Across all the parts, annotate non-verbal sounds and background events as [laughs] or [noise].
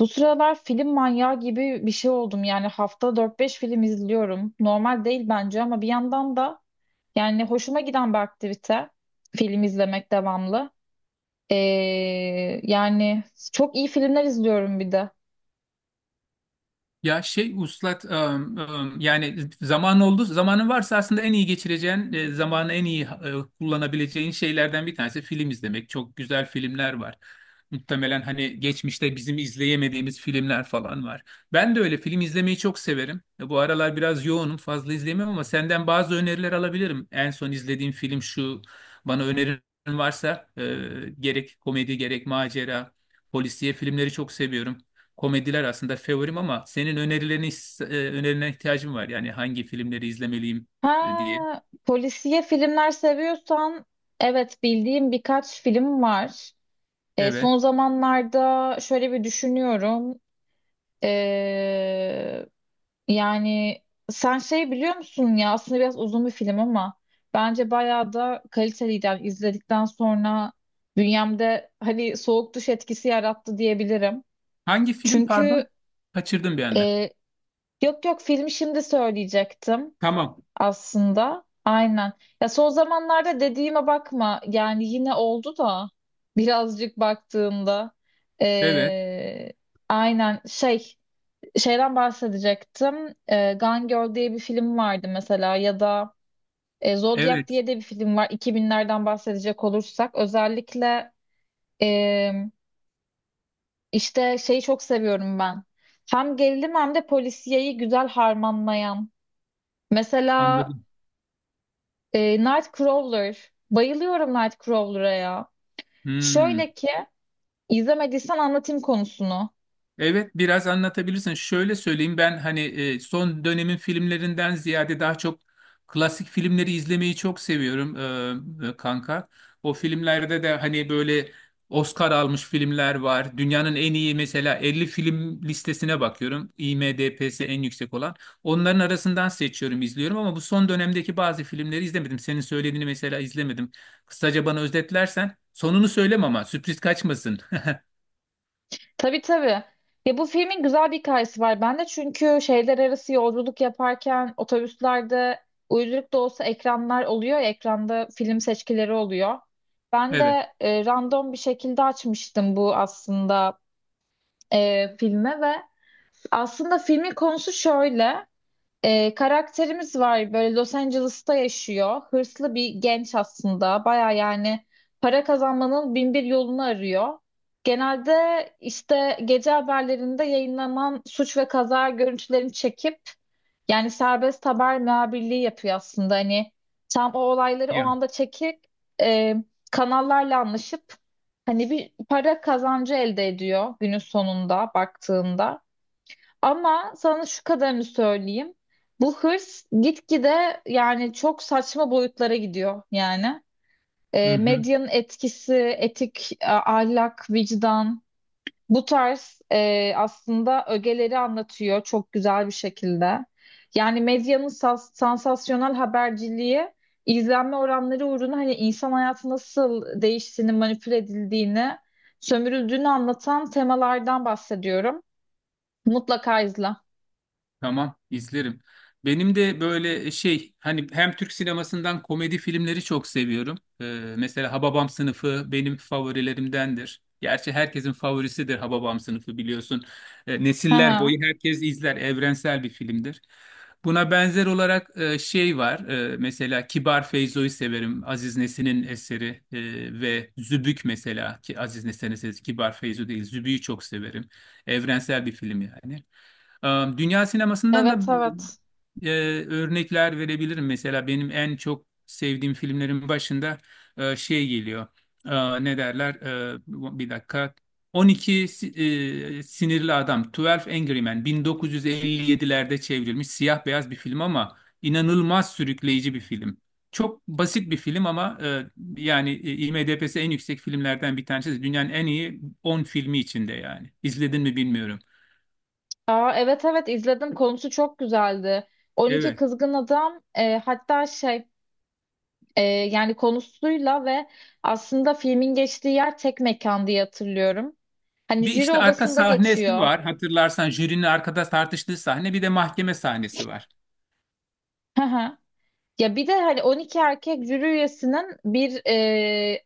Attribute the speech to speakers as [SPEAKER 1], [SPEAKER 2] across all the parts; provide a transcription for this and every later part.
[SPEAKER 1] Bu sıralar film manyağı gibi bir şey oldum. Yani hafta dört beş film izliyorum. Normal değil bence ama bir yandan da yani hoşuma giden bir aktivite film izlemek devamlı. Ee, yani çok iyi filmler izliyorum bir de.
[SPEAKER 2] Ya şey uslat yani zaman oldu, zamanın varsa aslında en iyi geçireceğin zamanı, en iyi kullanabileceğin şeylerden bir tanesi film izlemek. Çok güzel filmler var. Muhtemelen hani geçmişte bizim izleyemediğimiz filmler falan var. Ben de öyle film izlemeyi çok severim. Bu aralar biraz yoğunum, fazla izleyemiyorum ama senden bazı öneriler alabilirim. En son izlediğim film şu, bana önerin varsa gerek komedi gerek macera polisiye filmleri çok seviyorum, komediler aslında favorim ama senin önerilerine ihtiyacım var. Yani hangi filmleri izlemeliyim diye.
[SPEAKER 1] Ha, Polisiye filmler seviyorsan evet bildiğim birkaç film var.
[SPEAKER 2] Evet.
[SPEAKER 1] Son zamanlarda şöyle bir düşünüyorum. Ee, Yani sen şey biliyor musun ya aslında biraz uzun bir film ama bence bayağı da kaliteliydi. Yani izledikten sonra bünyemde hani soğuk duş etkisi yarattı diyebilirim.
[SPEAKER 2] Hangi film
[SPEAKER 1] Çünkü
[SPEAKER 2] pardon? Kaçırdım bir anda.
[SPEAKER 1] e, yok yok filmi şimdi söyleyecektim
[SPEAKER 2] Tamam.
[SPEAKER 1] aslında. Aynen. Ya son zamanlarda dediğime bakma yani yine oldu da birazcık baktığımda.
[SPEAKER 2] Evet.
[SPEAKER 1] E, aynen şey. Şeyden bahsedecektim. E, Gone Girl diye bir film vardı mesela ya da Zodiac
[SPEAKER 2] Evet.
[SPEAKER 1] diye de bir film var. İki binlerden bahsedecek olursak özellikle e, işte şeyi çok seviyorum ben. Hem gerilim hem de polisiyeyi güzel harmanlayan. Mesela
[SPEAKER 2] Anladım.
[SPEAKER 1] Nightcrawler. Bayılıyorum Nightcrawler'a ya.
[SPEAKER 2] Hmm.
[SPEAKER 1] Şöyle ki izlemediysen anlatayım konusunu.
[SPEAKER 2] Evet, biraz anlatabilirsin. Şöyle söyleyeyim, ben hani son dönemin filmlerinden ziyade daha çok klasik filmleri izlemeyi çok seviyorum kanka. O filmlerde de hani böyle Oscar almış filmler var. Dünyanın en iyi, mesela, 50 film listesine bakıyorum, IMDb'si en yüksek olan. Onların arasından seçiyorum, izliyorum ama bu son dönemdeki bazı filmleri izlemedim. Senin söylediğini mesela izlemedim. Kısaca bana özetlersen, sonunu söyleme ama, sürpriz kaçmasın. [laughs]
[SPEAKER 1] Tabii tabii. Ya bu filmin güzel bir hikayesi var bende. Çünkü şehirler arası yolculuk yaparken otobüslerde uyduruk da olsa ekranlar oluyor. Ekranda film seçkileri oluyor. Ben
[SPEAKER 2] Evet.
[SPEAKER 1] de random bir şekilde açmıştım bu aslında filme ve aslında filmin konusu şöyle. Karakterimiz var böyle Los Angeles'ta yaşıyor. Hırslı bir genç aslında. Baya yani para kazanmanın bin bir yolunu arıyor. Genelde işte gece haberlerinde yayınlanan suç ve kaza görüntülerini çekip yani serbest haber muhabirliği yapıyor aslında. Hani tam o olayları o
[SPEAKER 2] Yani.
[SPEAKER 1] anda çekip e, kanallarla anlaşıp hani bir para kazancı elde ediyor günün sonunda baktığında. Ama sana şu kadarını söyleyeyim. Bu hırs gitgide yani çok saçma boyutlara gidiyor yani. Medyanın etkisi, etik, ahlak, vicdan bu tarz aslında ögeleri anlatıyor çok güzel bir şekilde. Yani medyanın sansasyonel haberciliği izlenme oranları uğruna hani insan hayatı nasıl değiştiğini, manipüle edildiğini, sömürüldüğünü anlatan temalardan bahsediyorum. Mutlaka izle.
[SPEAKER 2] Tamam, izlerim. Benim de böyle şey, hani hem Türk sinemasından komedi filmleri çok seviyorum. Mesela Hababam Sınıfı benim favorilerimdendir. Gerçi herkesin favorisidir Hababam Sınıfı, biliyorsun.
[SPEAKER 1] Hı
[SPEAKER 2] Nesiller
[SPEAKER 1] hı.
[SPEAKER 2] boyu herkes izler. Evrensel bir filmdir. Buna benzer olarak şey var. Mesela Kibar Feyzo'yu severim. Aziz Nesin'in eseri ve Zübük, mesela ki Aziz Nesin'in eseri Kibar Feyzo değil. Zübük'ü çok severim. Evrensel bir film yani. Dünya sinemasından da
[SPEAKER 1] Evet evet.
[SPEAKER 2] e, örnekler verebilirim. Mesela benim en çok sevdiğim filmlerin başında şey geliyor. Ne derler? Bir dakika. 12 Sinirli Adam, 12 Angry Men, 1957'lerde çevrilmiş siyah beyaz bir film ama inanılmaz sürükleyici bir film. Çok basit bir film ama yani IMDb'si en yüksek filmlerden bir tanesi. Dünyanın en iyi 10 filmi içinde yani. İzledin mi bilmiyorum.
[SPEAKER 1] Aa, evet evet izledim. Konusu çok güzeldi. 12
[SPEAKER 2] Evet.
[SPEAKER 1] Kızgın Adam, hatta şey, yani konusuyla ve aslında filmin geçtiği yer tek mekan diye hatırlıyorum. Hani
[SPEAKER 2] Bir
[SPEAKER 1] jüri
[SPEAKER 2] işte arka
[SPEAKER 1] odasında
[SPEAKER 2] sahnesi
[SPEAKER 1] geçiyor.
[SPEAKER 2] var. Hatırlarsan, jürinin arkada tartıştığı sahne. Bir de mahkeme sahnesi var.
[SPEAKER 1] Hı hı. Ya bir de hani 12 erkek jüri üyesinin bir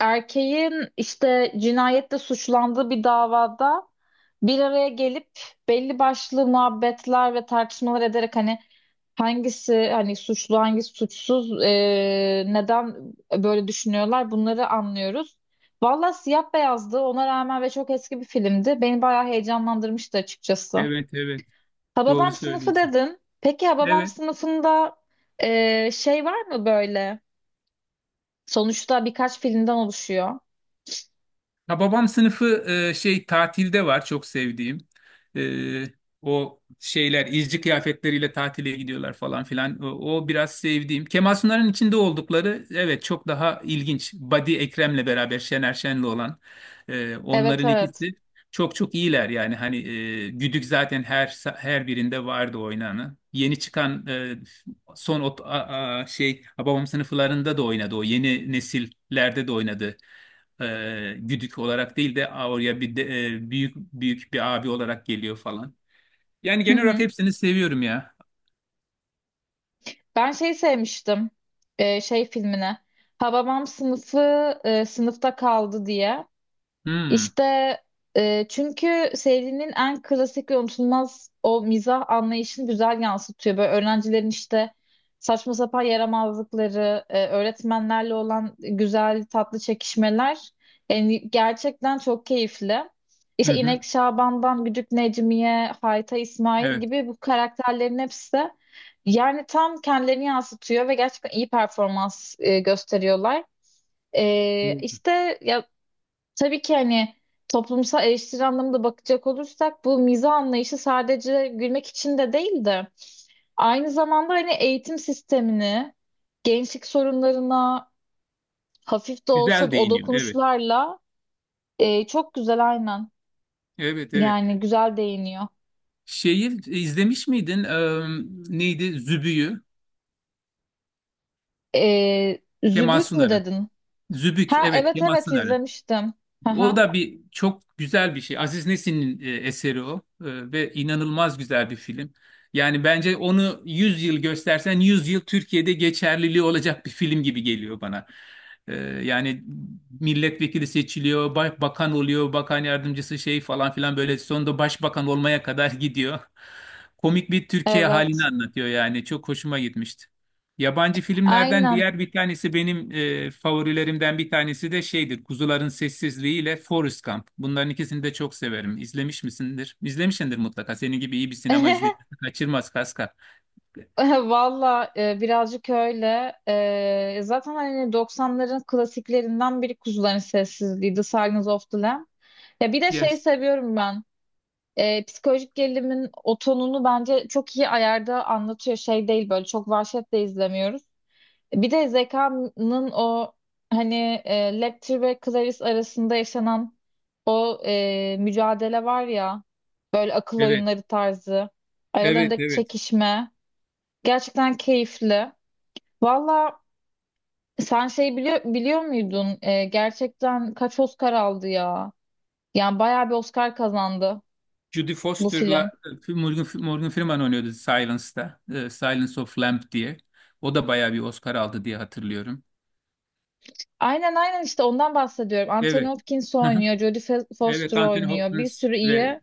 [SPEAKER 1] erkeğin işte cinayette suçlandığı bir davada bir araya gelip belli başlı muhabbetler ve tartışmalar ederek hani hangisi hani suçlu, hangisi suçsuz, neden böyle düşünüyorlar bunları anlıyoruz. Valla siyah beyazdı ona rağmen ve çok eski bir filmdi. Beni bayağı heyecanlandırmıştı açıkçası.
[SPEAKER 2] Evet, evet. Doğru
[SPEAKER 1] Hababam sınıfı
[SPEAKER 2] söylüyorsun.
[SPEAKER 1] dedin. Peki Hababam
[SPEAKER 2] Evet.
[SPEAKER 1] sınıfında şey var mı böyle? Sonuçta birkaç filmden oluşuyor.
[SPEAKER 2] Ha, babam sınıfı şey tatilde var, çok sevdiğim. E, O şeyler izci kıyafetleriyle tatile gidiyorlar falan filan. O biraz sevdiğim. Kemal Sunal'ın içinde oldukları, evet, çok daha ilginç. Badi Ekrem'le beraber Şener Şen'le olan
[SPEAKER 1] Evet
[SPEAKER 2] onların
[SPEAKER 1] evet.
[SPEAKER 2] ikisi çok çok iyiler, yani hani Güdük zaten her birinde vardı oynanı. Yeni çıkan e, son ot, a- a- şey Hababam sınıflarında da oynadı, o yeni nesillerde de oynadı güdük olarak değil de, "Aa, oraya bir de, büyük büyük bir abi olarak geliyor falan. Yani
[SPEAKER 1] Hı
[SPEAKER 2] genel olarak
[SPEAKER 1] hı.
[SPEAKER 2] hepsini seviyorum ya.
[SPEAKER 1] Ben şeyi sevmiştim. Şey filmine. Hababam sınıfı sınıfta kaldı diye.
[SPEAKER 2] Hmm.
[SPEAKER 1] İşte çünkü serinin en klasik ve unutulmaz o mizah anlayışını güzel yansıtıyor. Böyle öğrencilerin işte saçma sapan yaramazlıkları, öğretmenlerle olan güzel tatlı çekişmeler yani gerçekten çok keyifli.
[SPEAKER 2] Hı
[SPEAKER 1] İşte
[SPEAKER 2] hı.
[SPEAKER 1] İnek Şaban'dan Güdük Necmiye, Hayta İsmail
[SPEAKER 2] Evet.
[SPEAKER 1] gibi bu karakterlerin hepsi yani tam kendilerini yansıtıyor ve gerçekten iyi performans gösteriyorlar. İşte ya tabii ki hani toplumsal eleştiri anlamında bakacak olursak bu mizah anlayışı sadece gülmek için de değil de aynı zamanda hani eğitim sistemini, gençlik sorunlarına hafif de olsa
[SPEAKER 2] Güzel
[SPEAKER 1] o
[SPEAKER 2] değiniyor. Evet.
[SPEAKER 1] dokunuşlarla çok güzel, aynen,
[SPEAKER 2] Evet, evet.
[SPEAKER 1] yani güzel değiniyor.
[SPEAKER 2] Şeyi izlemiş miydin? Neydi? Zübüyü.
[SPEAKER 1] E,
[SPEAKER 2] Kemal
[SPEAKER 1] Zübük mü
[SPEAKER 2] Sunar'ın.
[SPEAKER 1] dedin?
[SPEAKER 2] Zübük.
[SPEAKER 1] Ha
[SPEAKER 2] Evet,
[SPEAKER 1] evet
[SPEAKER 2] Kemal
[SPEAKER 1] evet
[SPEAKER 2] Sunar'ın.
[SPEAKER 1] izlemiştim. Hı
[SPEAKER 2] O
[SPEAKER 1] hı,
[SPEAKER 2] da bir çok güzel bir şey. Aziz Nesin'in eseri o. Ve inanılmaz güzel bir film. Yani bence onu 100 yıl göstersen 100 yıl Türkiye'de geçerliliği olacak bir film gibi geliyor bana. E, Yani milletvekili seçiliyor, bakan oluyor, bakan yardımcısı şey falan filan, böyle sonunda başbakan olmaya kadar [laughs] gidiyor. Komik bir Türkiye halini
[SPEAKER 1] evet
[SPEAKER 2] anlatıyor yani. Çok hoşuma gitmişti. Yabancı filmlerden
[SPEAKER 1] aynen.
[SPEAKER 2] diğer bir tanesi, benim favorilerimden bir tanesi de şeydir: Kuzuların Sessizliği ile Forrest Gump. Bunların ikisini de çok severim. İzlemiş misindir? İzlemişsindir mutlaka. Senin gibi iyi bir sinema
[SPEAKER 1] [laughs]
[SPEAKER 2] izleyicisi kaçırmaz, Kaskar.
[SPEAKER 1] [laughs] Valla birazcık öyle. Zaten hani doksanların klasiklerinden biri Kuzuların Sessizliği, The Silence of the Lamb. Ya bir de şey
[SPEAKER 2] Yes.
[SPEAKER 1] seviyorum ben. Psikolojik gerilimin o tonunu bence çok iyi ayarda anlatıyor. Şey değil, böyle çok vahşetle izlemiyoruz. Bir de Zeka'nın o hani Lecter ve Clarice arasında yaşanan o mücadele var ya, böyle akıl
[SPEAKER 2] Evet.
[SPEAKER 1] oyunları tarzı
[SPEAKER 2] Evet,
[SPEAKER 1] aralarındaki
[SPEAKER 2] evet.
[SPEAKER 1] çekişme gerçekten keyifli. Valla sen şey biliyor muydun? Gerçekten kaç Oscar aldı ya? Yani bayağı bir Oscar kazandı
[SPEAKER 2] Judy
[SPEAKER 1] bu
[SPEAKER 2] Foster'la
[SPEAKER 1] film.
[SPEAKER 2] Morgan Freeman oynuyordu Silence'da. Silence of Lamb diye. O da bayağı bir Oscar aldı diye hatırlıyorum.
[SPEAKER 1] Aynen aynen işte ondan bahsediyorum. Anthony
[SPEAKER 2] Evet.
[SPEAKER 1] Hopkins
[SPEAKER 2] Hı hı.
[SPEAKER 1] oynuyor,
[SPEAKER 2] Evet,
[SPEAKER 1] Foster
[SPEAKER 2] Anthony
[SPEAKER 1] oynuyor. Bir
[SPEAKER 2] Hopkins
[SPEAKER 1] sürü
[SPEAKER 2] ve
[SPEAKER 1] iyi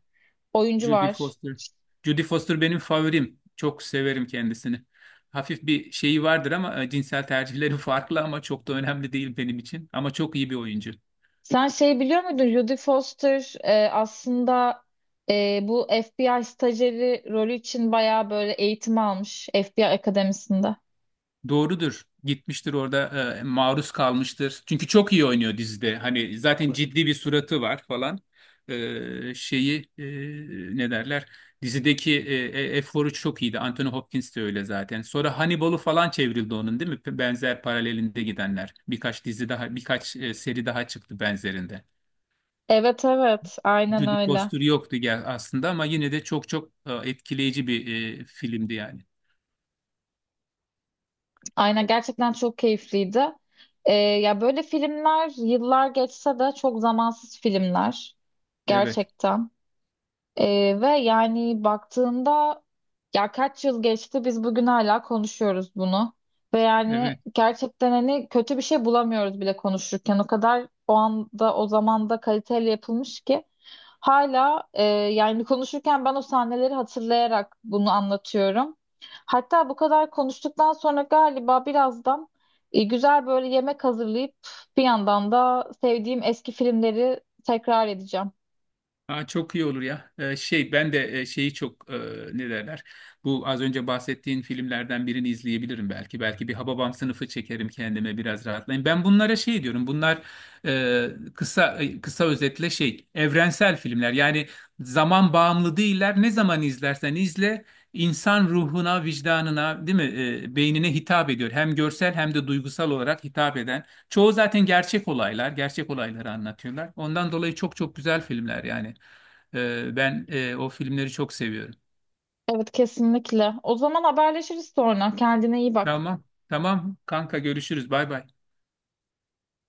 [SPEAKER 1] oyuncu
[SPEAKER 2] Judy
[SPEAKER 1] var.
[SPEAKER 2] Foster. Judy Foster benim favorim. Çok severim kendisini. Hafif bir şeyi vardır ama cinsel tercihleri [laughs] farklı ama çok da önemli değil benim için. Ama çok iyi bir oyuncu.
[SPEAKER 1] Sen şey biliyor muydun? Jodie Foster aslında bu FBI stajyeri rolü için bayağı böyle eğitim almış FBI akademisinde.
[SPEAKER 2] Doğrudur. Gitmiştir orada, maruz kalmıştır. Çünkü çok iyi oynuyor dizide. Hani zaten ciddi bir suratı var falan. Şeyi ne derler? Dizideki eforu çok iyiydi. Anthony Hopkins de öyle zaten. Sonra Hannibal'u falan çevrildi onun, değil mi? Benzer paralelinde gidenler. Birkaç dizi daha, birkaç seri daha çıktı benzerinde.
[SPEAKER 1] Evet evet aynen
[SPEAKER 2] Jodie
[SPEAKER 1] öyle.
[SPEAKER 2] Foster yoktu gel aslında ama yine de çok çok etkileyici bir filmdi yani.
[SPEAKER 1] Aynen gerçekten çok keyifliydi. Ya böyle filmler yıllar geçse de çok zamansız filmler
[SPEAKER 2] Evet.
[SPEAKER 1] gerçekten. Ve yani baktığında ya kaç yıl geçti biz bugün hala konuşuyoruz bunu. Ve yani
[SPEAKER 2] Evet.
[SPEAKER 1] gerçekten hani kötü bir şey bulamıyoruz bile konuşurken. O kadar o anda o zamanda kaliteli yapılmış ki. Hala yani konuşurken ben o sahneleri hatırlayarak bunu anlatıyorum. Hatta bu kadar konuştuktan sonra galiba birazdan güzel böyle yemek hazırlayıp bir yandan da sevdiğim eski filmleri tekrar edeceğim.
[SPEAKER 2] Ha, çok iyi olur ya. Şey ben de şeyi çok ne derler? Bu az önce bahsettiğin filmlerden birini izleyebilirim belki. Belki bir Hababam sınıfı çekerim kendime, biraz rahatlayayım. Ben bunlara şey diyorum. Bunlar e, kısa özetle şey evrensel filmler. Yani zaman bağımlı değiller. Ne zaman izlersen izle, insan ruhuna, vicdanına, değil mi? Beynine hitap ediyor, hem görsel hem de duygusal olarak hitap eden. Çoğu zaten gerçek olaylar, gerçek olayları anlatıyorlar. Ondan dolayı çok çok güzel filmler yani. Ben o filmleri çok seviyorum.
[SPEAKER 1] Evet kesinlikle. O zaman haberleşiriz sonra. Kendine iyi bak.
[SPEAKER 2] Tamam, tamam kanka görüşürüz. Bay bay.